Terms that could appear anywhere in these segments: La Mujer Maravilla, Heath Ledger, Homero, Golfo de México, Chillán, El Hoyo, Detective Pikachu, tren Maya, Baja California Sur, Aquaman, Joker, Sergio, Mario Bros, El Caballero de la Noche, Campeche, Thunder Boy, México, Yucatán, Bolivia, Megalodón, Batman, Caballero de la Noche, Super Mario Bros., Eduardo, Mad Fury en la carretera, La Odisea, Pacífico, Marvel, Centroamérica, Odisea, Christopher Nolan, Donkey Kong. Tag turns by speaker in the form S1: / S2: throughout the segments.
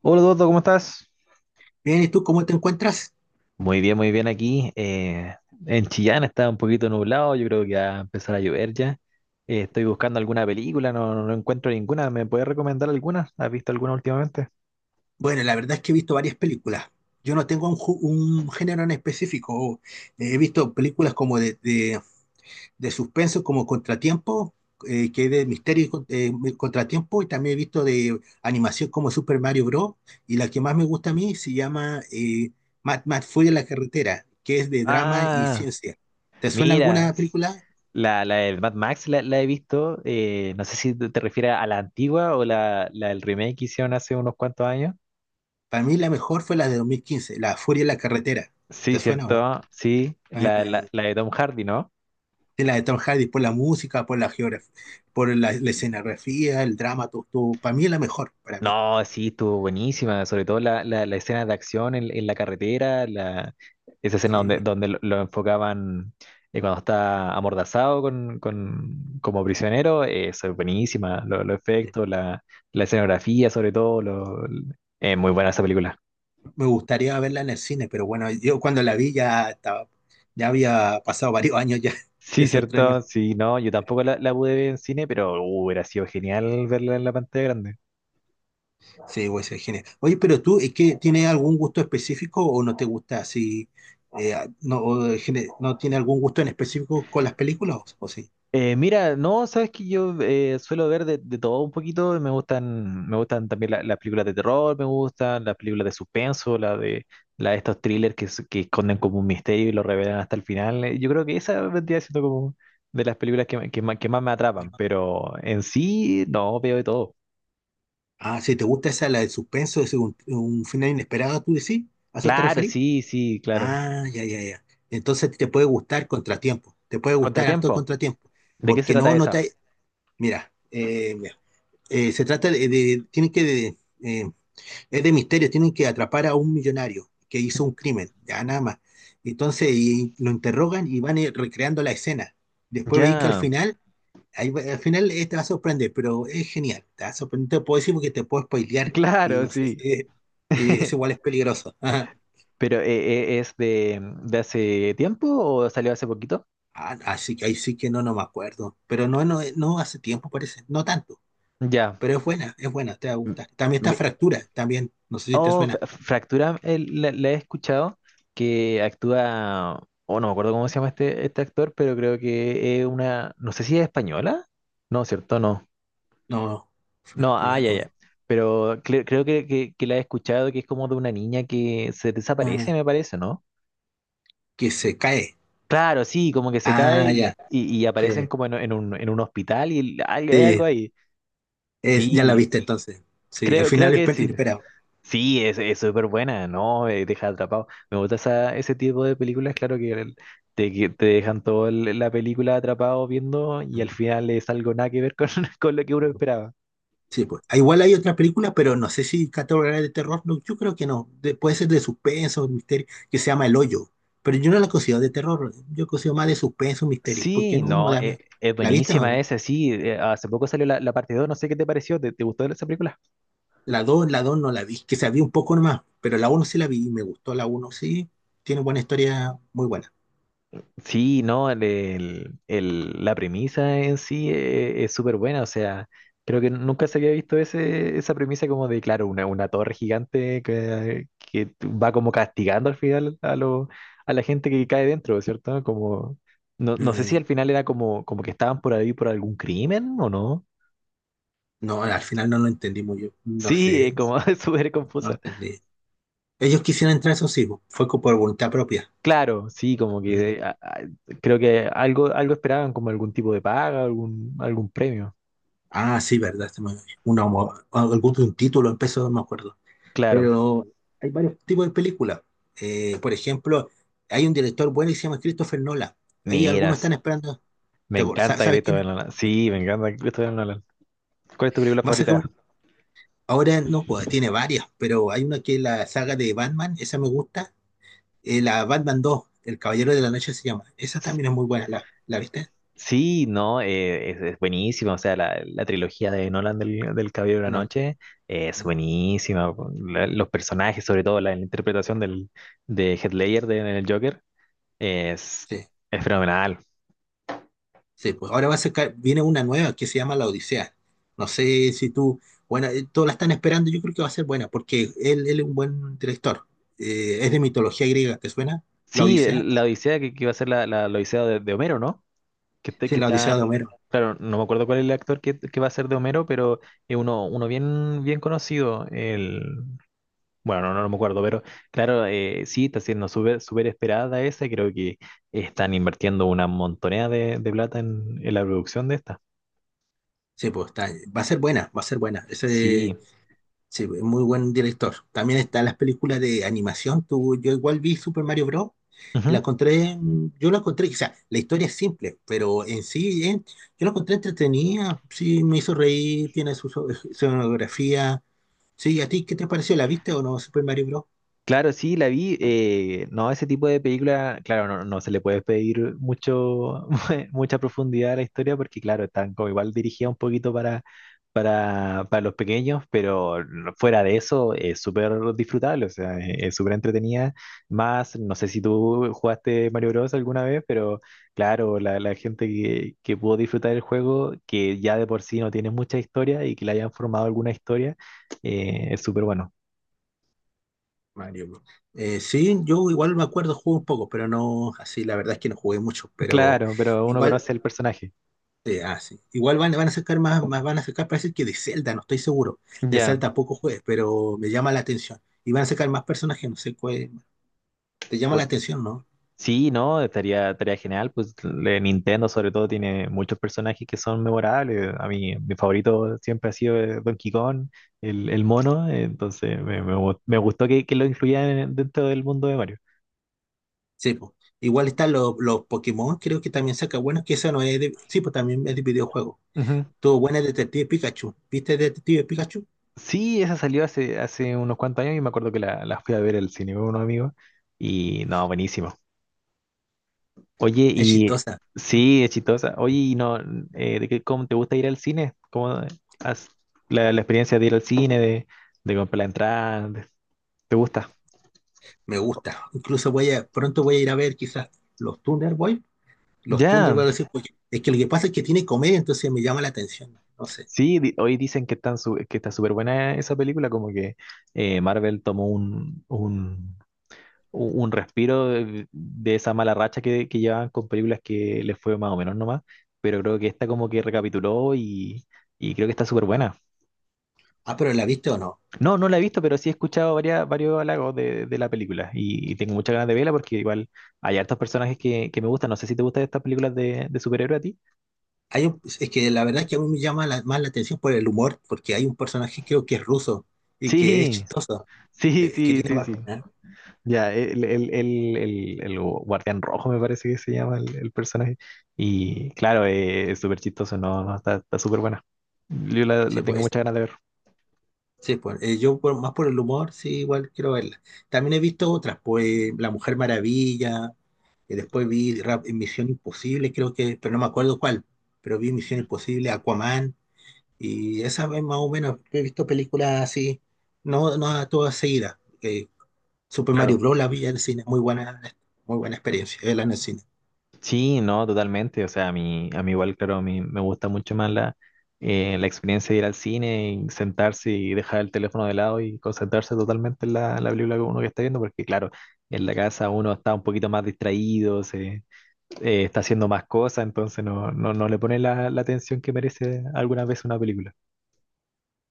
S1: Hola Eduardo, ¿cómo estás?
S2: Bien, ¿y tú cómo te encuentras?
S1: Muy bien aquí. En Chillán está un poquito nublado, yo creo que va a empezar a llover ya. Estoy buscando alguna película, no, no encuentro ninguna. ¿Me puedes recomendar alguna? ¿Has visto alguna últimamente?
S2: Bueno, la verdad es que he visto varias películas. Yo no tengo un género en específico. He visto películas como de suspenso, como Contratiempo, que es de misterio Contratiempo, y también he visto de animación como Super Mario Bros. Y la que más me gusta a mí se llama Mad Fury en la carretera, que es de drama y
S1: Ah,
S2: ciencia. ¿Te suena
S1: mira,
S2: alguna película?
S1: la del Mad Max la he visto. No sé si te refieres a la antigua o la del remake que hicieron hace unos cuantos años.
S2: Para mí la mejor fue la de 2015, La Furia en la carretera.
S1: Sí,
S2: ¿Te suena o
S1: cierto, sí,
S2: no?
S1: la de Tom Hardy, ¿no?
S2: En la de Tom Hardy, por la música, por la geografía, por la escenografía, el drama, todo, todo. Para mí es la mejor, para mí.
S1: No, sí, estuvo buenísima, sobre todo la escena de acción en la carretera, esa escena donde,
S2: Sí.
S1: lo enfocaban cuando está amordazado como prisionero, eso es buenísima, los efectos, la escenografía sobre todo, muy buena esa película.
S2: Me gustaría verla en el cine, pero bueno, yo cuando la vi ya estaba, ya había pasado varios años ya
S1: Sí,
S2: de su
S1: cierto,
S2: estreno.
S1: sí, no, yo tampoco la pude ver en cine, pero hubiera sido genial verla en la pantalla grande.
S2: Sí, güey, ser genial. Oye, pero tú, ¿es que tienes algún gusto específico o no te gusta así? eh, no, ¿No tiene algún gusto en específico con las películas o sí?
S1: Mira, no, sabes que yo suelo ver de todo un poquito. Me gustan también las películas de terror, me gustan las películas de suspenso, la de estos thrillers que esconden como un misterio y lo revelan hasta el final. Yo creo que esa vendría siendo como de las películas que más me atrapan, pero en sí, no, veo de todo.
S2: Ah, si te gusta esa, la de suspenso, es un final inesperado, tú decís, ¿a eso te
S1: Claro,
S2: referís?
S1: sí, sí, claro.
S2: Ah, ya, ya, ya. Entonces te puede gustar Contratiempo, te puede gustar harto
S1: Contratiempo,
S2: Contratiempo,
S1: ¿de qué se
S2: porque
S1: trata
S2: no, no
S1: esa?
S2: te... Mira, mira, se trata tienen que, de- eh, es de misterio, tienen que atrapar a un millonario que hizo un crimen, ya nada más. Entonces y lo interrogan y van recreando la escena. Después veis que al
S1: Ya,
S2: final, ahí va- al final te va a sorprender, pero es genial, te va a sorprender. No te puedo decir porque te puedo spoilear y
S1: claro,
S2: no sé
S1: sí.
S2: si es, es igual es peligroso.
S1: Pero ¿es de hace tiempo o salió hace poquito?
S2: Ah, así que ahí sí que no, no me acuerdo. Pero no, no, no hace tiempo parece, no tanto.
S1: Ya.
S2: Pero es buena, te va a
S1: M-
S2: gustar. También está
S1: mi-
S2: Fractura, también, no sé si te
S1: Oh,
S2: suena.
S1: Fractura la he escuchado, que actúa, oh, no me acuerdo cómo se llama este actor, pero creo que es una, no sé si es española. No, ¿cierto? No.
S2: No,
S1: No, ah,
S2: Fractura
S1: ya,
S2: no.
S1: ya. Pero creo que la he escuchado, que es como de una niña que se
S2: Ah,
S1: desaparece, me parece, ¿no?
S2: que se cae.
S1: Claro, sí, como que se cae
S2: Ah, ya.
S1: y aparecen
S2: Sí,
S1: como en un hospital y hay
S2: sí,
S1: algo ahí.
S2: es, ya la
S1: Sí,
S2: viste entonces. Sí, al
S1: creo, creo
S2: final
S1: que
S2: es
S1: sí.
S2: inesperado.
S1: Sí, es súper buena, ¿no? Deja atrapado. Me gusta esa, ese tipo de películas, claro que que te dejan toda la película atrapado viendo y al final es algo nada que ver con, con lo que uno esperaba.
S2: Sí, pues. Ah, igual hay otras películas, pero no sé si categoría de terror. No, yo creo que no. De- puede ser de suspenso, misterio, que se llama El Hoyo. Pero yo no la considero de terror. Yo considero más de suspenso, misterio. ¿Porque
S1: Sí,
S2: no? No me
S1: no,
S2: da miedo.
S1: es
S2: ¿La viste o
S1: buenísima
S2: no?
S1: esa, sí. Hace poco salió la parte dos, no sé qué te pareció, te gustó esa película?
S2: La 2 no la vi. Que se había un poco nomás. Pero la uno sí la vi y me gustó la uno. Sí, tiene buena historia, muy buena.
S1: Sí, no, la premisa en sí es súper buena, o sea, creo que nunca se había visto esa premisa como de, claro, una torre gigante que va como castigando al final a la gente que cae dentro, ¿cierto? Como, no sé si
S2: Mm,
S1: al final era como, como que estaban por ahí por algún crimen o no.
S2: no, al final no lo entendí muy bien. No
S1: Sí, es
S2: sé,
S1: como es súper
S2: no lo
S1: confusa.
S2: entendí. Ellos quisieron entrar, eso sí, fue co- por voluntad propia.
S1: Claro, sí, como
S2: Mm,
S1: que creo que algo, algo esperaban, como algún tipo de paga, algún, algún premio.
S2: Ah, sí, verdad, una, algún un título en peso, no me acuerdo.
S1: Claro.
S2: Pero hay varios tipos de películas. Por ejemplo, hay un director bueno que se llama Christopher Nolan. Ahí algunos
S1: Miras.
S2: están esperando.
S1: Me encanta
S2: ¿Sabes quién
S1: Christopher
S2: es?
S1: Nolan. Sí, me encanta Christopher Nolan. ¿Cuál es tu película
S2: Va a sacar
S1: favorita?
S2: un- ahora no, pues, tiene varias, pero hay una que es la saga de Batman, esa me gusta. La Batman 2, El Caballero de la Noche se llama. Esa también es muy buena, ¿la, la viste?
S1: Sí, no, es buenísima. O sea, la trilogía de Nolan del Caballero de la
S2: No, la-
S1: Noche es buenísima. Los personajes, sobre todo la interpretación de Heath Ledger de, en el Joker, es,
S2: sí.
S1: es fenomenal.
S2: Sí, pues ahora va a sacar, viene una nueva que se llama La Odisea. No sé si tú, bueno, todos la están esperando, yo creo que va a ser buena, porque él es un buen director. Es de mitología griega, ¿te suena? La
S1: Sí,
S2: Odisea.
S1: la Odisea que iba a ser la Odisea de Homero, ¿no?
S2: Sí,
S1: Que
S2: La Odisea
S1: está.
S2: de Homero.
S1: Claro, no me acuerdo cuál es el actor que va a ser de Homero, pero es uno bien, bien conocido. El. Bueno, no, no me acuerdo, pero claro, sí, está siendo súper súper esperada esa. Creo que están invirtiendo una montonera de plata en la producción de esta.
S2: Sí, pues está, va a ser buena, va a ser buena. Ese,
S1: Sí.
S2: sí, es muy buen director. También están las películas de animación. Tú, yo igual vi Super Mario Bros. Y la encontré, mm, yo la encontré, o sea, la historia es simple, pero en sí, yo la encontré entretenida. Sí, me hizo reír, tiene su escenografía. Sí, ¿a ti qué te pareció? ¿La viste o no, Super Mario Bros.?
S1: Claro, sí, la vi. No, ese tipo de película, claro, no, no se le puede pedir mucho, mucha profundidad a la historia porque, claro, están como igual dirigida un poquito para los pequeños, pero no, fuera de eso es súper disfrutable, o sea, es súper entretenida. Más, no sé si tú jugaste Mario Bros. Alguna vez, pero claro, la gente que pudo disfrutar el juego, que ya de por sí no tiene mucha historia y que le hayan formado alguna historia, es súper bueno.
S2: Mario Bros. Sí, yo igual me acuerdo, jugué un poco, pero no, así la verdad es que no jugué mucho, pero
S1: Claro, pero uno
S2: igual.
S1: conoce el personaje.
S2: Sí, ah, sí. Igual van a sacar van a sacar, parece que de Zelda, no estoy seguro. De
S1: Ya.
S2: Zelda poco juegues, pero me llama la atención. Y van a sacar más personajes, no sé cuál. Te llama la
S1: bu-
S2: atención, ¿no?
S1: Sí, ¿no? Estaría, estaría genial. Pues Nintendo sobre todo tiene muchos personajes que son memorables. A mí, mi favorito siempre ha sido Donkey Kong, el mono. Entonces me gustó que lo incluyan dentro del mundo de Mario.
S2: Sí, pues. Igual están los Pokémon, creo que también saca bueno que esa no es de. Sí, pues también es de videojuego.
S1: Ujú.
S2: Tuvo buena Detective Pikachu. ¿Viste Detective Pikachu?
S1: Sí, esa salió hace, hace unos cuantos años y me acuerdo que la fui a ver al cine con unos amigos. Y no, buenísimo. Oye,
S2: Es
S1: y
S2: chistosa,
S1: sí, es chistosa. Oye, y no, ¿cómo te gusta ir al cine? Has- la experiencia de ir al cine, de comprar la entrada? ¿Te gusta?
S2: me gusta. Incluso voy a, pronto voy a ir a ver quizás los Thunder Boy. Los Thunder Boy,
S1: Ya,
S2: voy a decir, "Oye, es que lo que pasa es que tiene comedia, entonces me llama la atención. No sé.
S1: sí, hoy dicen que, que está súper buena esa película, como que Marvel tomó un respiro de esa mala racha que llevaban con películas que les fue más o menos nomás, pero creo que esta como que recapituló y creo que está súper buena.
S2: Ah, pero ¿la viste o no?
S1: No, no la he visto, pero sí he escuchado varios halagos de la película y tengo muchas ganas de verla porque igual hay hartos personajes que me gustan. No sé si te gustan estas películas de superhéroe a ti.
S2: Hay un- es que la verdad es que a mí me más la atención por el humor, porque hay un personaje creo que es ruso y que es
S1: Sí,
S2: chistoso,
S1: sí,
S2: que
S1: sí,
S2: tiene
S1: sí,
S2: para...
S1: sí.
S2: ¿eh?
S1: Ya, el Guardián Rojo me parece que se llama el personaje. Y claro, es súper chistoso, no, no, está súper buena. Yo la
S2: Sí,
S1: tengo
S2: pues,
S1: muchas ganas de ver.
S2: sí, pues, yo por- más por el humor, sí, igual quiero verla. También he visto otras, pues La Mujer Maravilla, y después vi Ra- Misión Imposible, creo que, pero no me acuerdo cuál, pero vi Misión Imposible, Aquaman, y esa vez más o menos he visto películas así, no, no a todas seguidas. Super Mario
S1: Claro.
S2: Bros. La vi en el cine, muy buena experiencia, verla en el cine.
S1: Sí, no, totalmente. O sea, a mí igual, claro, a mí me gusta mucho más la experiencia de ir al cine y sentarse y dejar el teléfono de lado y concentrarse totalmente en la película que uno que está viendo, porque claro, en la casa uno está un poquito más distraído, está haciendo más cosas, entonces no, no, no le pone la atención que merece algunas veces una película.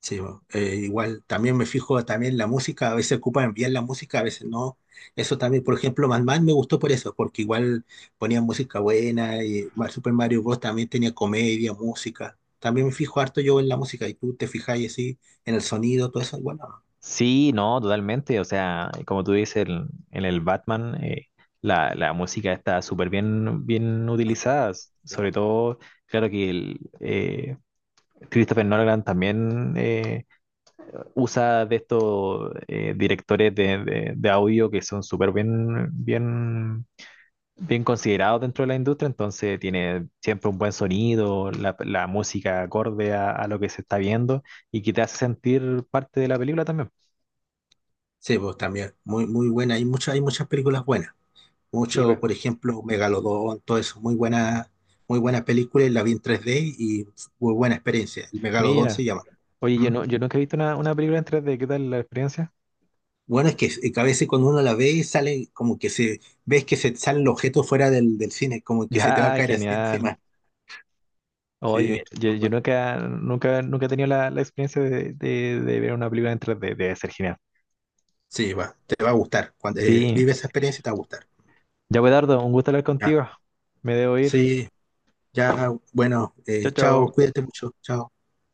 S2: Sí, bo. Igual también me fijo también la música, a veces ocupan bien la música, a veces no. Eso también, por ejemplo, Madman me gustó por eso, porque igual ponían música buena y Mar- Super Mario Bros. También tenía comedia, música. También me fijo harto yo en la música y tú te fijáis así en el sonido, todo eso. Bueno,
S1: Sí, no, totalmente. O sea, como tú dices, en el Batman la música está súper bien, bien
S2: ah, bueno.
S1: utilizada.
S2: eh,
S1: Sobre todo, claro que Christopher Nolan también usa de estos directores de audio que son súper bien, bien, bien considerados dentro de la industria. Entonces tiene siempre un buen sonido, la música acorde a lo que se está viendo y que te hace sentir parte de la película también.
S2: sí, pues también, muy, muy buena. Hay muchas películas buenas.
S1: Sí,
S2: Mucho,
S1: pues.
S2: por ejemplo, Megalodón, todo eso, muy buena película, y la vi en 3D y muy buena experiencia. El Megalodón
S1: Mira.
S2: se llama.
S1: Oye, yo no, yo nunca he visto una película en 3D, ¿qué tal la experiencia?
S2: Bueno, es que a veces cuando uno la ve y sale como que se ves que se salen el objeto fuera del, del cine, como que se te va a
S1: Ya,
S2: caer así encima.
S1: genial. Oye, mira,
S2: Sí,
S1: yo,
S2: no,
S1: yo
S2: bueno,
S1: nunca, nunca, nunca he tenido la experiencia de ver una película en 3D, debe ser genial.
S2: sí, va, te va a gustar. Cuando
S1: Sí,
S2: vive esa experiencia te va a gustar.
S1: ya Dardo. Un gusto hablar
S2: Ya.
S1: contigo. Me debo ir.
S2: Sí, ya, bueno,
S1: Chao,
S2: chao,
S1: chao.
S2: cuídate mucho, chao.